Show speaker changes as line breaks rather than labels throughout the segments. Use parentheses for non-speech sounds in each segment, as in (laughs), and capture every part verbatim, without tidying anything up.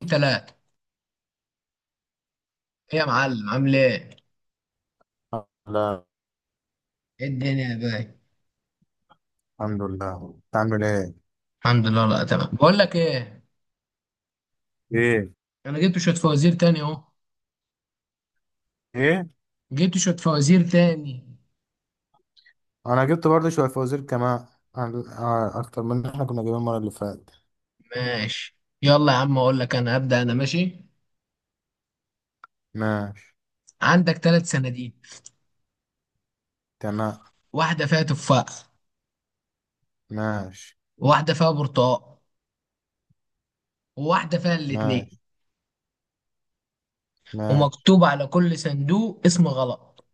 تلاتة. ايه يا معلم، عامل ايه؟
لا.
ايه الدنيا يا باي؟
الحمد لله، انت عامل ايه؟
الحمد لله. لا تمام. بقول لك ايه؟
ايه.
انا جبت شوية فوازير تاني اهو.
ايه.
جبت شوية فوازير تاني.
انا جبت برضه شويه فوازير كمان عن- ع- اكتر من اللي احنا كنا جايبين المره اللي فاتت.
ماشي يلا يا عم اقول لك. انا ابدأ انا. ماشي،
ماشي.
عندك ثلاث صناديق،
تمام.
واحدة فيها تفاح،
ماشي.
وواحدة فيها برتقال، وواحدة فيها الاتنين،
ماشي. ماشي.
ومكتوب على كل صندوق اسم غلط.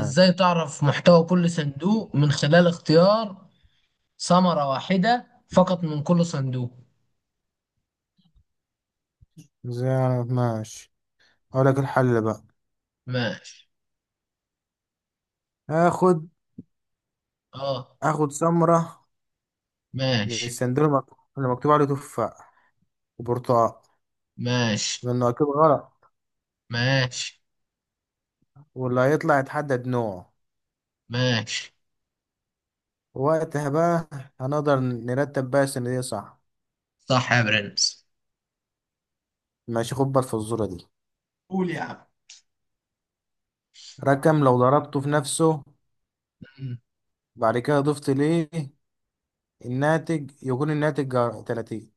ازاي تعرف محتوى كل صندوق من خلال اختيار ثمرة واحدة فقط من كل صندوق؟
ازاي؟ انا ماشي. اقول لك الحل بقى.
ماشي.
اخد
اه.
اخد سمره من
ماشي.
السندوتش المك- اللي مكتوب عليه تفاح وبرتقال،
ماشي.
لانه اكيد غلط،
ماشي.
واللي هيطلع يتحدد نوعه.
ماشي.
وقتها بقى هنقدر نرتب بقى السندوتش صح.
صح يا برنس.
ماشي. خد بالك في الصوره دي.
قول يا عم.
رقم لو ضربته في نفسه
مم.
بعد كده ضفت ليه، الناتج يكون الناتج جا- ثلاثين.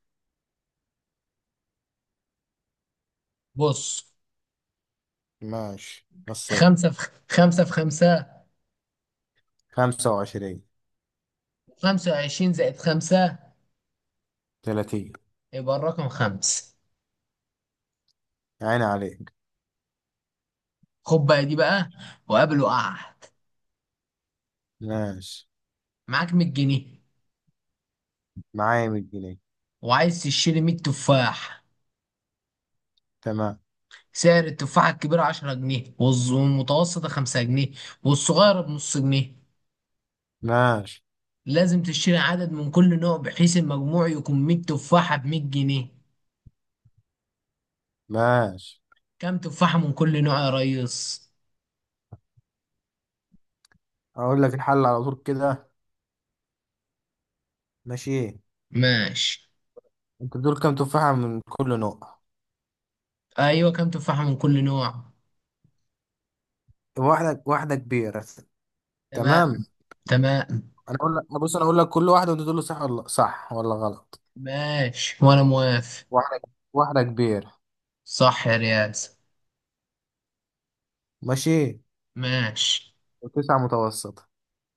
بص،
ماشي، نصين.
خمسة في خمسة في خمسة.
خمسة وعشرين.
خمسة وعشرين زائد خمسة.
تلاتين.
يبقى الرقم خمس.
عين عليك.
خد بقى دي بقى، وقابل وقعت
ماشي،
معاك مية جنيه،
معايا مية جنيه.
وعايز تشتري مية تفاح.
تمام.
سعر التفاحة الكبيرة عشرة جنيه، والز- والمتوسطة خمسة جنيه، والصغيرة بنص جنيه.
ماشي.
لازم تشتري عدد من كل نوع بحيث المجموع يكون مية تفاحة بمية جنيه.
ماشي،
كام تفاحة من كل نوع يا ريس؟
اقول لك الحل على طول كده. ماشي.
ماشي.
انت دول كام تفاحة من كل نوع؟
ايوه، كام تفاحة من كل نوع؟
واحدة. واحدة كبيرة.
تمام.
تمام.
تمام.
انا اقول لك، بص انا اقول لك كل واحدة وانت تقول لي صح ولا صح ولا غلط.
ماشي وانا موافق.
واحدة. واحدة كبيرة.
صح يا رياس.
ماشي.
ماشي.
وتسعة متوسطة.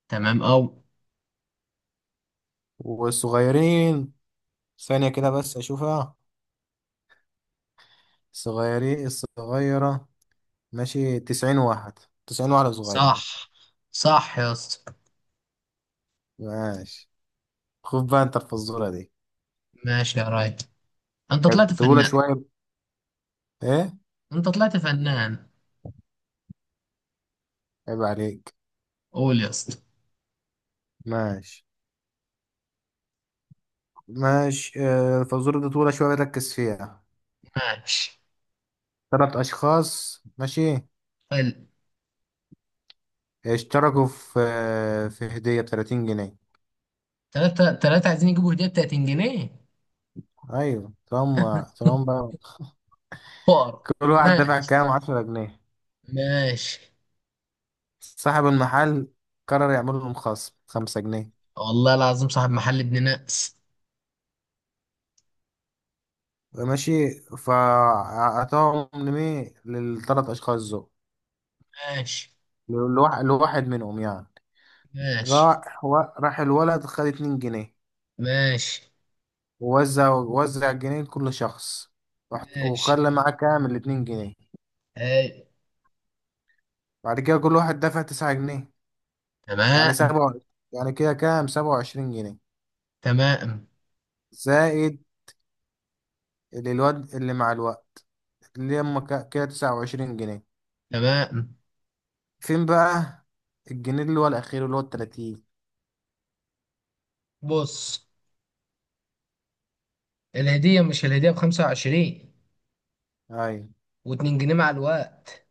تمام او.
والصغيرين، ثانية كده بس أشوفها، صغيرين الصغيرة. ماشي، تسعين واحد، تسعين واحدة صغيرة.
صح. صح يا اسطى.
ماشي، خد بقى أنت الفزورة دي.
ماشي يا ريس، انت طلعت
طولة
فنان.
شوية. إيه؟
انت طلعت فنان.
عيب عليك.
قول يا اسطى.
ماشي. ماشي، آه، الفزورة دي طولة شوية، ركز فيها.
ماشي.
تلات أشخاص، ماشي،
حلو.
اشتركوا في آه، في هدية بتلاتين جنيه.
تلاتة تلاتة عايزين يجيبوا هدية ب تلاتين جنيه.
أيوة. طالما طالما
(laughs)
بقى
فار.
كل واحد دفع
ماشي.
كام؟ عشرة جنيه.
ماشي.
صاحب المحل قرر يعمل لهم خصم خمسة جنيه.
والله العظيم صاحب محل ابن ناس.
ماشي، فأعطاهم لمين؟ للثلاث أشخاص دول.
ماشي.
لواحد لواحد منهم يعني.
ماشي.
راح و... راح الولد خد اتنين جنيه،
ماشي.
ووزع وزع الجنيه لكل شخص. رحت-
ماشي.
وخلى معاه كام؟ الاتنين جنيه.
هاي.
بعد كده كل واحد دفع تسعة جنيه، يعني
تمام.
سبعة، يعني كده كام؟ سبعة وعشرين جنيه،
تمام.
زائد اللي الواد اللي مع الوقت، اللي هما ك- كده تسعة وعشرين جنيه.
تمام.
فين بقى الجنيه اللي هو الأخير، اللي هو التلاتين؟
بص، الهدية، مش الهدية بخمسة وعشرين
أيوة.
واتنين جنيه مع الوقت؟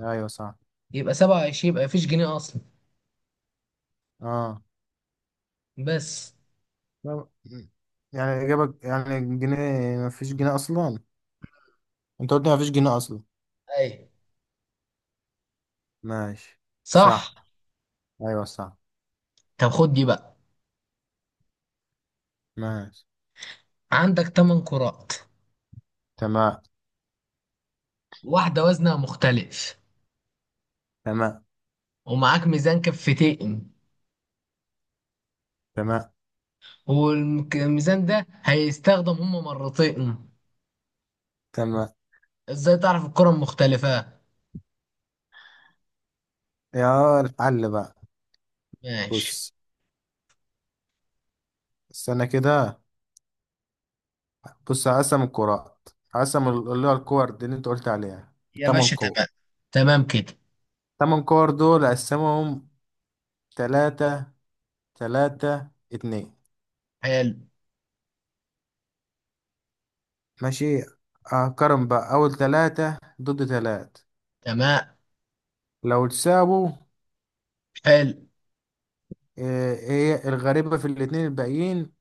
أيوة صح.
يبقى سبعة وعشرين، يبقى مفيش جنيه أصلا.
اه.
بس.
لا، يعني إجابة يعني جنيه؟ مفيش جنيه أصلا. أنت قلت مفيش جنيه أصلا.
أي.
ماشي. صح.
صح.
أيوه صح.
طب خد دي بقى.
ماشي.
عندك تمن كرات،
تمام.
واحدة وزنها مختلف،
تمام.
ومعاك ميزان كفتين،
تمام.
والميزان ده هيستخدم هما مرتين.
تمام.
ازاي تعرف الكرة المختلفة؟
يا الحل بقى.
ماشي
بص، استنى كده. بص، هقسم الكرات، هقسم ال- اللي هو الكور دي اللي أنت قلت عليها.
يا
تمن
باشا.
كور
تمام. تمام كده.
تمن كور دول أقسمهم تلاتة تلاتة اتنين.
حلو.
ماشي، أقارن بقى أول تلاتة ضد تلاتة.
تمام.
لو تساووا،
حلو.
آه، هي الغريبة في الاتنين الباقيين.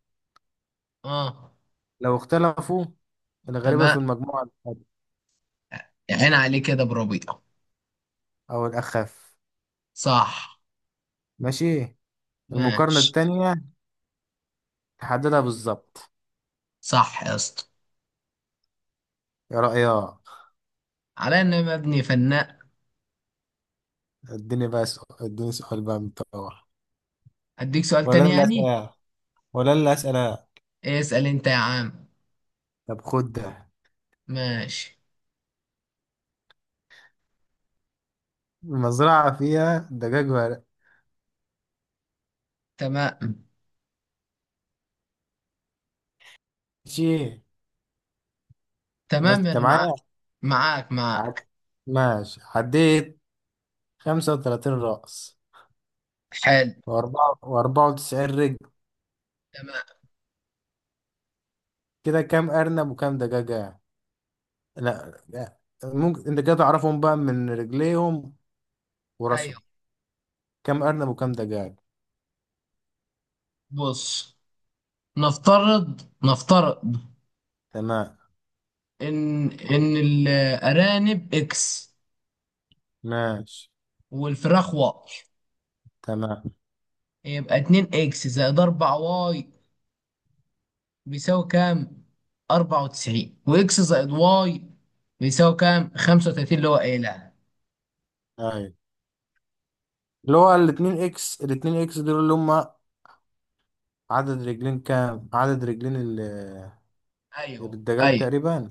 اه.
لو اختلفوا، الغريبة في
تمام.
المجموعة الأقل،
عين عليه كده بربيع.
أو الأخف.
صح.
ماشي. المقارنة
ماشي.
التانية تحددها بالظبط.
صح يا اسطى،
يا رأيك؟
على ان أنا مبني فنان.
اديني بقى سؤال، اديني سؤال بقى من بتوع.
اديك سؤال
ولا
تاني
أنا اللي
يعني؟
أسأل؟ ولا أنا اللي أسأل؟
اسأل انت يا عم.
طب خد ده.
ماشي.
المزرعة فيها دجاج ورق.
تمام.
ماشي. ماشي،
تمام
أنت
انا معاك.
معايا.
معاك
عد-
معاك.
ماشي، عديت خمسة وثلاثين رأس
حلو.
وأربعة وأربعة وتسعين رجل.
تمام.
كده كام أرنب وكام دجاجة؟ لا لا. ممكن انت كده تعرفهم بقى من رجليهم
ايوه.
وراسهم. كم ارنب وكم دجاج؟
بص، نفترض نفترض
تمام.
ان ان الارانب اكس،
ماشي.
والفراخ واي.
تمام.
يبقى اتنين اكس زائد اربعة واي بيساوي كام؟ اربعة وتسعين. واكس زائد واي بيساوي كام؟ خمسة وثلاثون، اللي هو قايلها.
ايوه، اللي هو الاتنين اكس، الاتنين اكس دول اللي هم عدد رجلين كام، عدد رجلين ال-
ايوه.
الدجاج
ايوه.
تقريبا.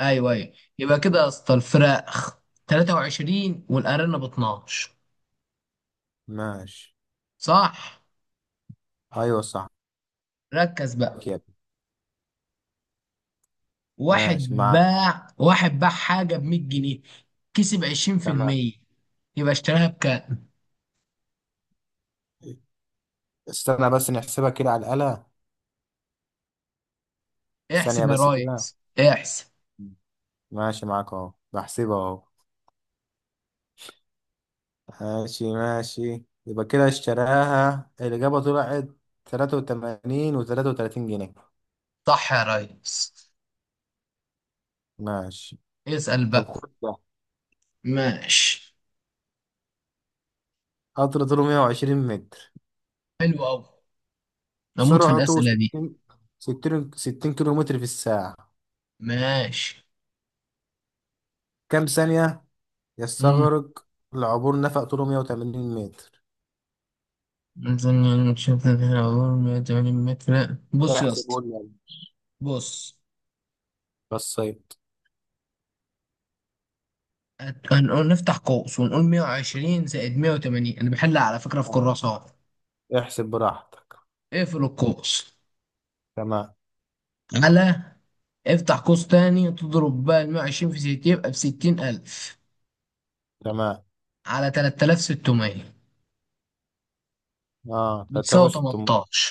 ايوه. ايوه. يبقى كده يا اسطى الفراخ تلاتة وعشرين والارانب اتناشر.
ماشي.
صح.
ايوه صح
ركز بقى،
كده.
واحد
ماشي معاك.
باع واحد باع حاجه ب مية جنيه، كسب
تمام.
عشرين في المية، يبقى اشتراها بكام؟
استنى بس نحسبها كده على الآلة، ثانية
احسب يا
بس كده.
ريس. احسب.
ماشي معاك اهو، بحسبها اهو. ماشي. ماشي، يبقى كده اشتراها، الإجابة طلعت تلاتة وتمانين وتلاتة وتلاتين جنيه.
صح يا ريس.
ماشي.
اسأل
طب
بقى.
خد ده.
ماشي.
قطر طوله مية وعشرين متر،
حلو قوي، نموت في
سرعته
الأسئلة دي.
ستين، ستين ستين كيلو متر في الساعة.
ماشي.
كم ثانية
امم،
يستغرق لعبور نفق طوله مية وتمانين متر؟
مثلا نشوف هنا، أقول مية وتمانين متر. بص يا
احسب
اسطى،
قول لي يلا.
بص،
بصيت.
هت- هنقول نفتح قوس ونقول مية وعشرين زائد مية وتمانين، انا بحلها على فكرة في
آه.
كراسة اهو.
احسب براحتك.
اقفل القوس
تمام.
على، افتح قوس تاني، تضرب بقى ال مية وعشرين في ستين يبقى ب ستين الف
تمام.
على تلاتة آلاف وستمية،
اه، تلاتة آلاف
بتساوي
وستمية
تمنتاشر.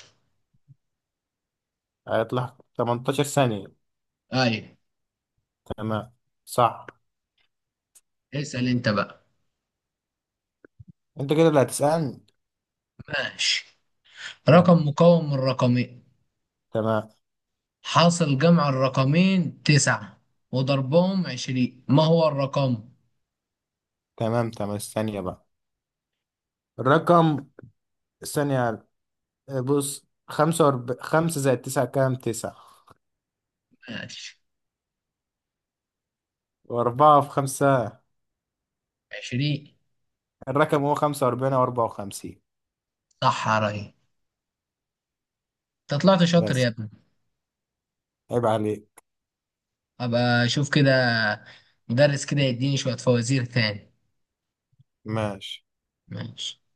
هيطلع تمنتاشر ثانية.
ايوه.
تمام. صح.
اسأل انت بقى.
انت كده اللي هتسألني.
ماشي.
تمام.
رقم مكون من رقمين،
تمام.
حاصل جمع الرقمين تسعة، وضربهم عشرين، ما هو الرقم؟
تمام. تمام، ثانية بقى. الرقم، ثانية. بص، خمسة وأرب... خمسة زائد تسعة كام؟ تسعة.
ماشي.
وأربعة في خمسة.
عشرين.
الرقم هو خمسة وأربعين وأربعة وخمسين.
صح يا ريس، انت طلعت شاطر يا
بس.
ابني.
عيب عليك.
ابقى اشوف كده مدرس كده يديني شوية فوازير تاني.
ماشي.
ماشي